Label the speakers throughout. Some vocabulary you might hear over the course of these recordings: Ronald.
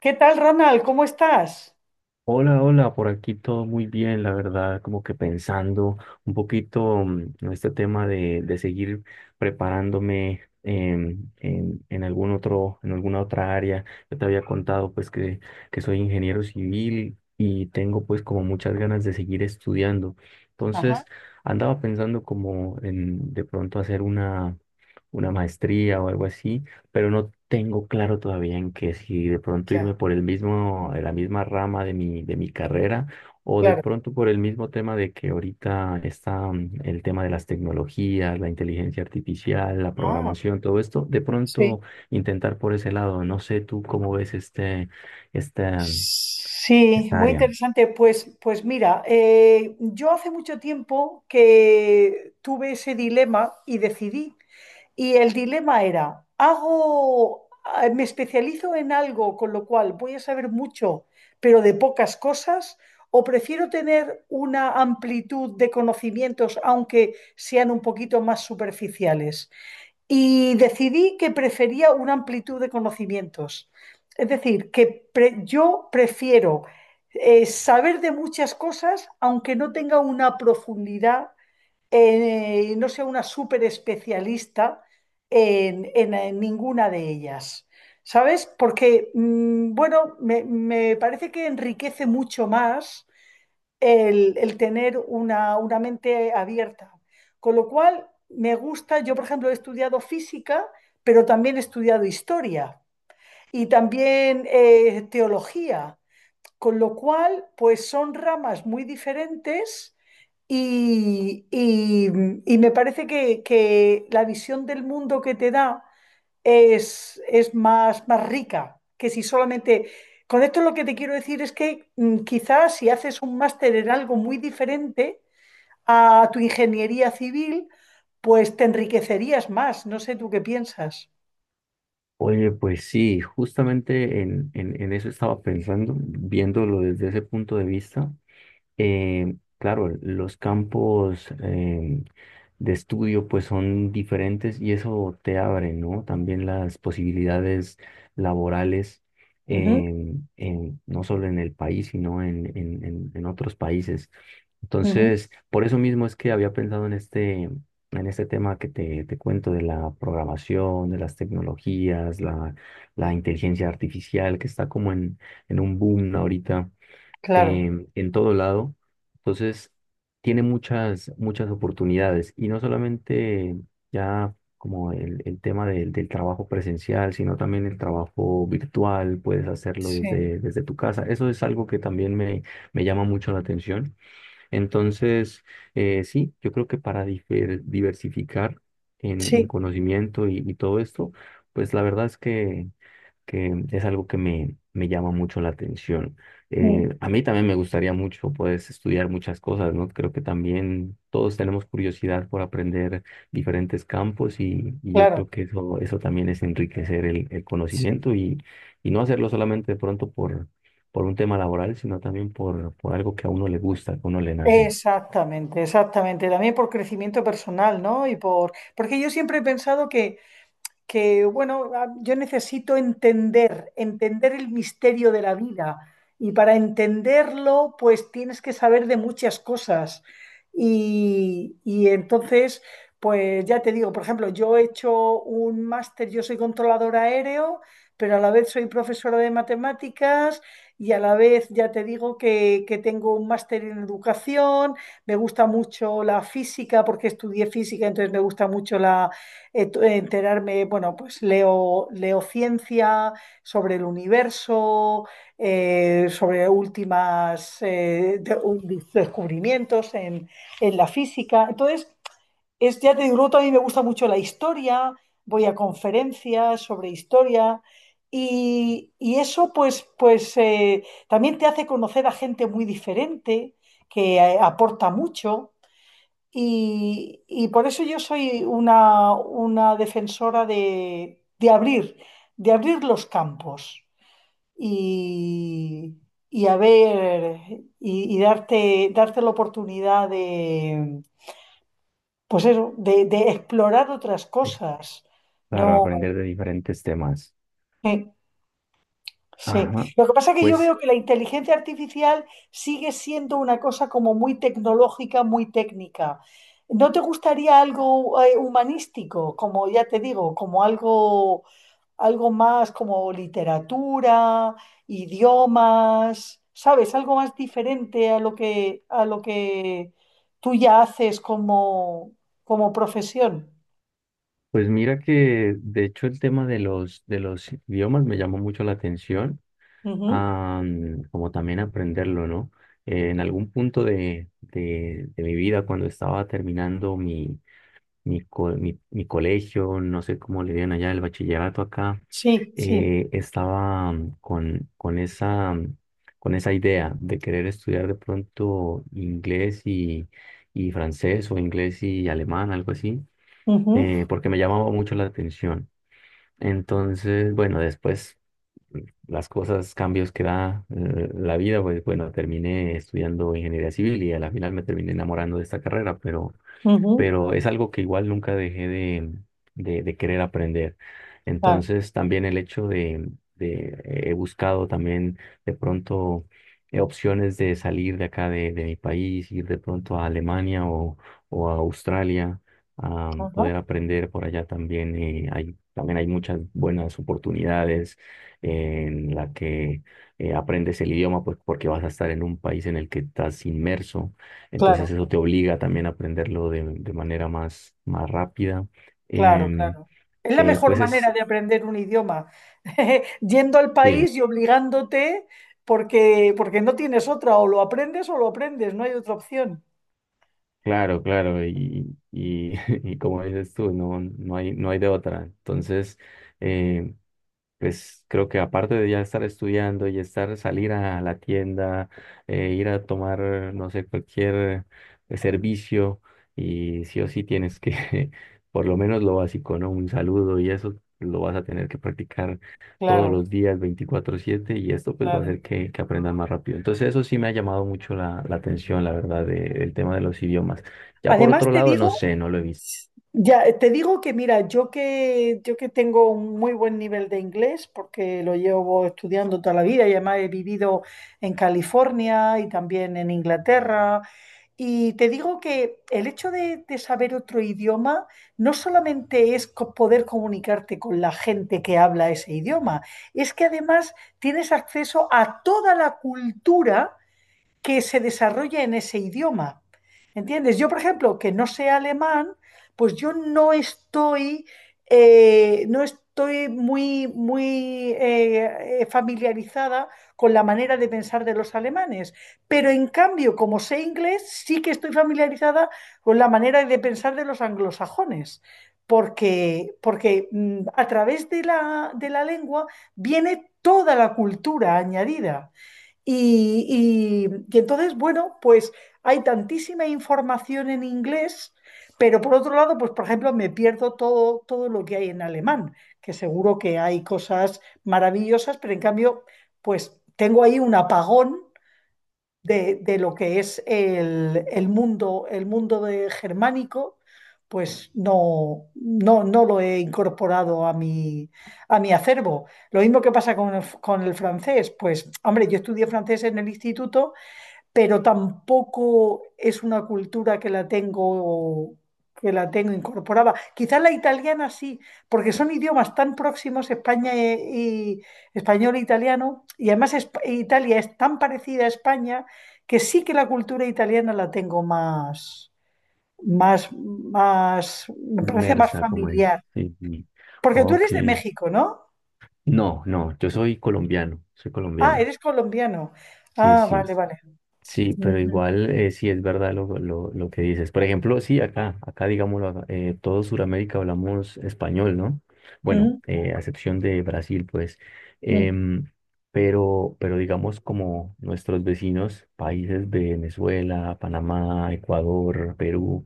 Speaker 1: ¿Qué tal, Ronald? ¿Cómo estás?
Speaker 2: Hola, hola, por aquí todo muy bien, la verdad, como que pensando un poquito en este tema de seguir preparándome en algún otro, en alguna otra área. Yo te había contado pues que soy ingeniero civil y tengo pues como muchas ganas de seguir estudiando.
Speaker 1: Ajá,
Speaker 2: Entonces andaba pensando como en de pronto hacer una maestría o algo así, pero no tengo claro todavía en que si de pronto
Speaker 1: ya,
Speaker 2: irme por el mismo, la misma rama de mi carrera, o de
Speaker 1: claro.
Speaker 2: pronto por el mismo tema de que ahorita está el tema de las tecnologías, la inteligencia artificial, la
Speaker 1: Ah,
Speaker 2: programación, todo esto, de
Speaker 1: sí.
Speaker 2: pronto intentar por ese lado. No sé tú cómo ves esta,
Speaker 1: Sí,
Speaker 2: esta
Speaker 1: muy
Speaker 2: área.
Speaker 1: interesante. Pues, pues mira, yo hace mucho tiempo que tuve ese dilema y decidí. Y el dilema era, hago, me especializo en algo, con lo cual voy a saber mucho, pero de pocas cosas, o prefiero tener una amplitud de conocimientos, aunque sean un poquito más superficiales. Y decidí que prefería una amplitud de conocimientos. Es decir, que yo prefiero saber de muchas cosas, aunque no tenga una profundidad, no sea una súper especialista en, en ninguna de ellas. ¿Sabes? Porque, bueno, me parece que enriquece mucho más el tener una mente abierta. Con lo cual, me gusta, yo por ejemplo he estudiado física, pero también he estudiado historia y también teología, con lo cual, pues son ramas muy diferentes. Y, y- y me parece que la visión del mundo que te da es más, más rica que si solamente. Con esto lo que te quiero decir es que quizás si haces un máster en algo muy diferente a tu ingeniería civil, pues te enriquecerías más. No sé tú qué piensas.
Speaker 2: Oye, pues sí, justamente en eso estaba pensando, viéndolo desde ese punto de vista. Claro, los campos de estudio pues son diferentes y eso te abre, ¿no? También las posibilidades laborales,
Speaker 1: Ujú,
Speaker 2: no solo en el país, sino en otros países.
Speaker 1: ujú,
Speaker 2: Entonces, por eso mismo es que había pensado en en este tema que te cuento de la programación, de las tecnologías, la inteligencia artificial, que está como en un boom ahorita
Speaker 1: claro,
Speaker 2: en todo lado. Entonces, tiene muchas, muchas oportunidades, y no solamente ya como el tema del trabajo presencial, sino también el trabajo virtual, puedes hacerlo
Speaker 1: sí,
Speaker 2: desde tu casa. Eso es algo que también me llama mucho la atención. Entonces, sí, yo creo que para diversificar en
Speaker 1: sí,
Speaker 2: conocimiento y todo esto, pues la verdad es que es algo que me llama mucho la atención.
Speaker 1: mm,
Speaker 2: A mí también me gustaría mucho, pues, estudiar muchas cosas, ¿no? Creo que también todos tenemos curiosidad por aprender diferentes campos y yo
Speaker 1: claro,
Speaker 2: creo que eso también es enriquecer el
Speaker 1: sí.
Speaker 2: conocimiento y no hacerlo solamente de pronto por un tema laboral, sino también por algo que a uno le gusta, que a uno le nace.
Speaker 1: Exactamente, exactamente. También por crecimiento personal, ¿no? Y por, porque yo siempre he pensado que, bueno, ah, yo necesito entender, entender el misterio de la vida. Y para entenderlo, pues tienes que saber de muchas cosas. Y entonces, pues ya te digo, por ejemplo, yo he hecho un máster, yo soy controlador aéreo, pero a la vez soy profesora de matemáticas y a la vez ya te digo que tengo un máster en educación, me gusta mucho la física porque estudié física, entonces me gusta mucho enterarme, bueno, pues leo, leo ciencia sobre el universo, sobre últimas descubrimientos en la física. Entonces, es, ya te digo, luego también me gusta mucho la historia, voy a conferencias sobre historia. Y eso pues, pues también te hace conocer a gente muy diferente que aporta mucho. Y por eso yo soy una defensora de abrir los campos y, y a ver, y darte, darte la oportunidad de, pues eso, de explorar otras
Speaker 2: Es
Speaker 1: cosas.
Speaker 2: Claro,
Speaker 1: No.
Speaker 2: aprender de diferentes temas.
Speaker 1: Eh. Sí.
Speaker 2: Ajá.
Speaker 1: Lo que pasa es que yo
Speaker 2: Pues,
Speaker 1: veo que la inteligencia artificial sigue siendo una cosa como muy tecnológica, muy técnica. ¿No te gustaría algo humanístico, como ya te digo, como algo, algo más como literatura, idiomas? ¿Sabes? Algo más diferente a lo que tú ya haces como, como profesión.
Speaker 2: pues mira que de hecho el tema de de los idiomas me llamó mucho la atención,
Speaker 1: Ujú.
Speaker 2: como también aprenderlo, ¿no? En algún punto de mi vida, cuando estaba terminando mi colegio, no sé cómo le digan allá, el bachillerato acá.
Speaker 1: Sí, sí.
Speaker 2: Eh, estaba con esa, con esa idea de querer estudiar de pronto y francés o inglés y alemán, algo así.
Speaker 1: Ujú,
Speaker 2: Eh, porque me llamaba mucho la atención. Entonces, bueno, después mm, las cosas, cambios que da la vida, pues bueno, terminé estudiando ingeniería civil y a la final me terminé enamorando de esta carrera, pero
Speaker 1: ujú.
Speaker 2: pero es algo que igual nunca dejé de querer aprender.
Speaker 1: Claro,
Speaker 2: Entonces también el hecho de he buscado también de pronto opciones de salir de acá de mi país, ir de pronto a Alemania o a Australia, a
Speaker 1: ajá,
Speaker 2: poder aprender por allá también. Eh, hay, también hay muchas buenas oportunidades en la que aprendes el idioma pues, porque vas a estar en un país en el que estás inmerso, entonces
Speaker 1: claro.
Speaker 2: eso te obliga también a aprenderlo de manera más, más rápida.
Speaker 1: Claro,
Speaker 2: Em,
Speaker 1: claro. Es la mejor
Speaker 2: pues
Speaker 1: manera
Speaker 2: es,
Speaker 1: de aprender un idioma, yendo al
Speaker 2: sí,
Speaker 1: país y obligándote porque, porque no tienes otra, o lo aprendes, no hay otra opción.
Speaker 2: claro, claro, y, y como dices tú, no, no hay, no hay de otra. Entonces, em, pues creo que aparte de ya estar estudiando y estar, salir a la tienda, ir a tomar, no sé, cualquier servicio, y sí o sí tienes que, por lo menos lo básico, ¿no? Un saludo y eso lo vas a tener que practicar todos
Speaker 1: Claro,
Speaker 2: los días, 24/7, y esto pues va a
Speaker 1: claro.
Speaker 2: hacer que aprendas más rápido. Entonces eso sí me ha llamado mucho la atención, la verdad, del tema de los idiomas. Ya por
Speaker 1: Además
Speaker 2: otro
Speaker 1: te
Speaker 2: lado,
Speaker 1: digo,
Speaker 2: no sé, no lo he visto.
Speaker 1: ya te digo que mira, yo que tengo un muy buen nivel de inglés porque lo llevo estudiando toda la vida y además he vivido en California y también en Inglaterra. Y te digo que el hecho de saber otro idioma no solamente es poder comunicarte con la gente que habla ese idioma, es que además tienes acceso a toda la cultura que se desarrolle en ese idioma. ¿Entiendes? Yo, por ejemplo, que no sé alemán, pues yo no estoy, no estoy muy, muy familiarizada con la manera de pensar de los alemanes. Pero en cambio, como sé inglés, sí que estoy familiarizada con la manera de pensar de los anglosajones. Porque, porque a través de de la lengua viene toda la cultura añadida. Y, y entonces, bueno, pues hay tantísima información en inglés, pero por otro lado, pues por ejemplo, me pierdo todo, todo lo que hay en alemán, que seguro que hay cosas maravillosas, pero en cambio, pues tengo ahí un apagón de lo que es el mundo de germánico, pues no, no, no lo he incorporado a mi acervo. Lo mismo que pasa con el francés, pues hombre, yo estudié francés en el instituto pero tampoco es una cultura que la tengo incorporada. Quizás la italiana sí, porque son idiomas tan próximos, España español e italiano, y además Italia es tan parecida a España que sí que la cultura italiana la tengo más, más, más, me parece más
Speaker 2: Inmersa, como en...
Speaker 1: familiar.
Speaker 2: Sí, sí.
Speaker 1: Porque tú
Speaker 2: Ok.
Speaker 1: eres de México, ¿no?
Speaker 2: No, no, yo soy colombiano, soy
Speaker 1: Ah,
Speaker 2: colombiano.
Speaker 1: eres colombiano.
Speaker 2: Sí,
Speaker 1: Ah,
Speaker 2: sí,
Speaker 1: vale, vale.
Speaker 2: sí, pero
Speaker 1: Ujú,
Speaker 2: igual sí es verdad lo que dices. Por ejemplo, sí, acá digámoslo, acá, todo Sudamérica hablamos español, ¿no? Bueno,
Speaker 1: ujú,
Speaker 2: a excepción de Brasil, pues.
Speaker 1: ujú,
Speaker 2: Em, pero digamos como nuestros vecinos, países de Venezuela, Panamá, Ecuador, Perú,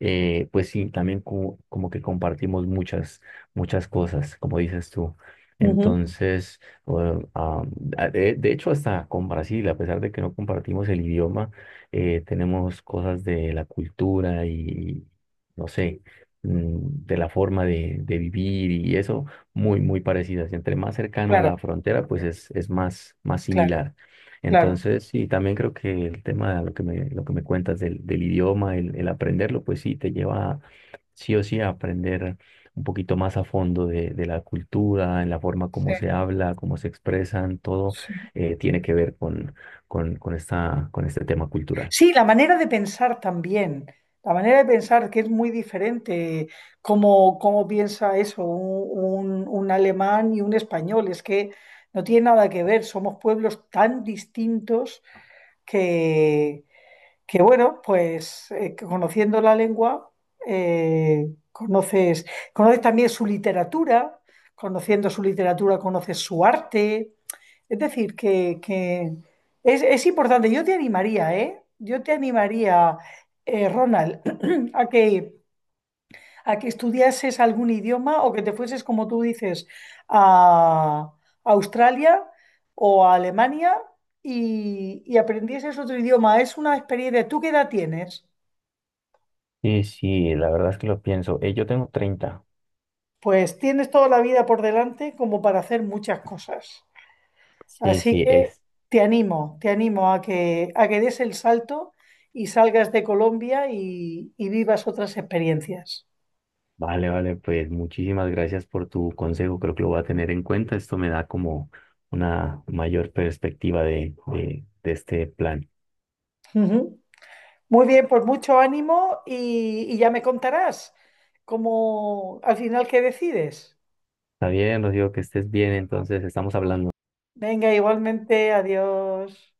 Speaker 2: pues sí, también como que compartimos muchas, muchas cosas, como dices tú.
Speaker 1: ujú.
Speaker 2: Entonces, bueno, ah, de hecho, hasta con Brasil, a pesar de que no compartimos el idioma, tenemos cosas de la cultura y, no sé, de la forma de vivir y eso, muy, muy parecidas. Entre más cercano a
Speaker 1: Claro,
Speaker 2: la frontera, pues es más, más
Speaker 1: claro,
Speaker 2: similar.
Speaker 1: claro.
Speaker 2: Entonces, sí, también creo que el tema de lo que me cuentas del idioma, el aprenderlo, pues sí, te lleva sí o sí a aprender un poquito más a fondo de la cultura, en la forma
Speaker 1: Sí,
Speaker 2: como se habla, cómo se expresan, todo
Speaker 1: sí.
Speaker 2: tiene que ver con esta, con este tema cultural.
Speaker 1: Sí, la manera de pensar también, la manera de pensar que es muy diferente, cómo, cómo piensa eso un, un alemán y un español, es que no tiene nada que ver, somos pueblos tan distintos que, que bueno, pues que conociendo la lengua, conoces, conoces también su literatura, conociendo su literatura conoces su arte. Es decir, que es importante. Yo te animaría, ¿eh? Yo te animaría, Ronald, a que, a que estudiases algún idioma o que te fueses, como tú dices, a Australia o a Alemania y aprendieses otro idioma. Es una experiencia. ¿Tú qué edad tienes?
Speaker 2: Sí, sí, la verdad es que lo pienso. Yo tengo 30.
Speaker 1: Pues tienes toda la vida por delante como para hacer muchas cosas.
Speaker 2: Sí,
Speaker 1: Así
Speaker 2: sí,
Speaker 1: que
Speaker 2: es.
Speaker 1: te animo a que des el salto y salgas de Colombia y vivas otras experiencias.
Speaker 2: Vale, vale, pues muchísimas gracias por tu consejo, creo que lo voy a tener en cuenta, esto me da como una mayor perspectiva de este plan.
Speaker 1: Ujú. Muy bien, pues mucho ánimo y ya me contarás cómo al final qué decides.
Speaker 2: Está bien, Rocío, que estés bien, entonces estamos hablando.
Speaker 1: Venga, igualmente, adiós.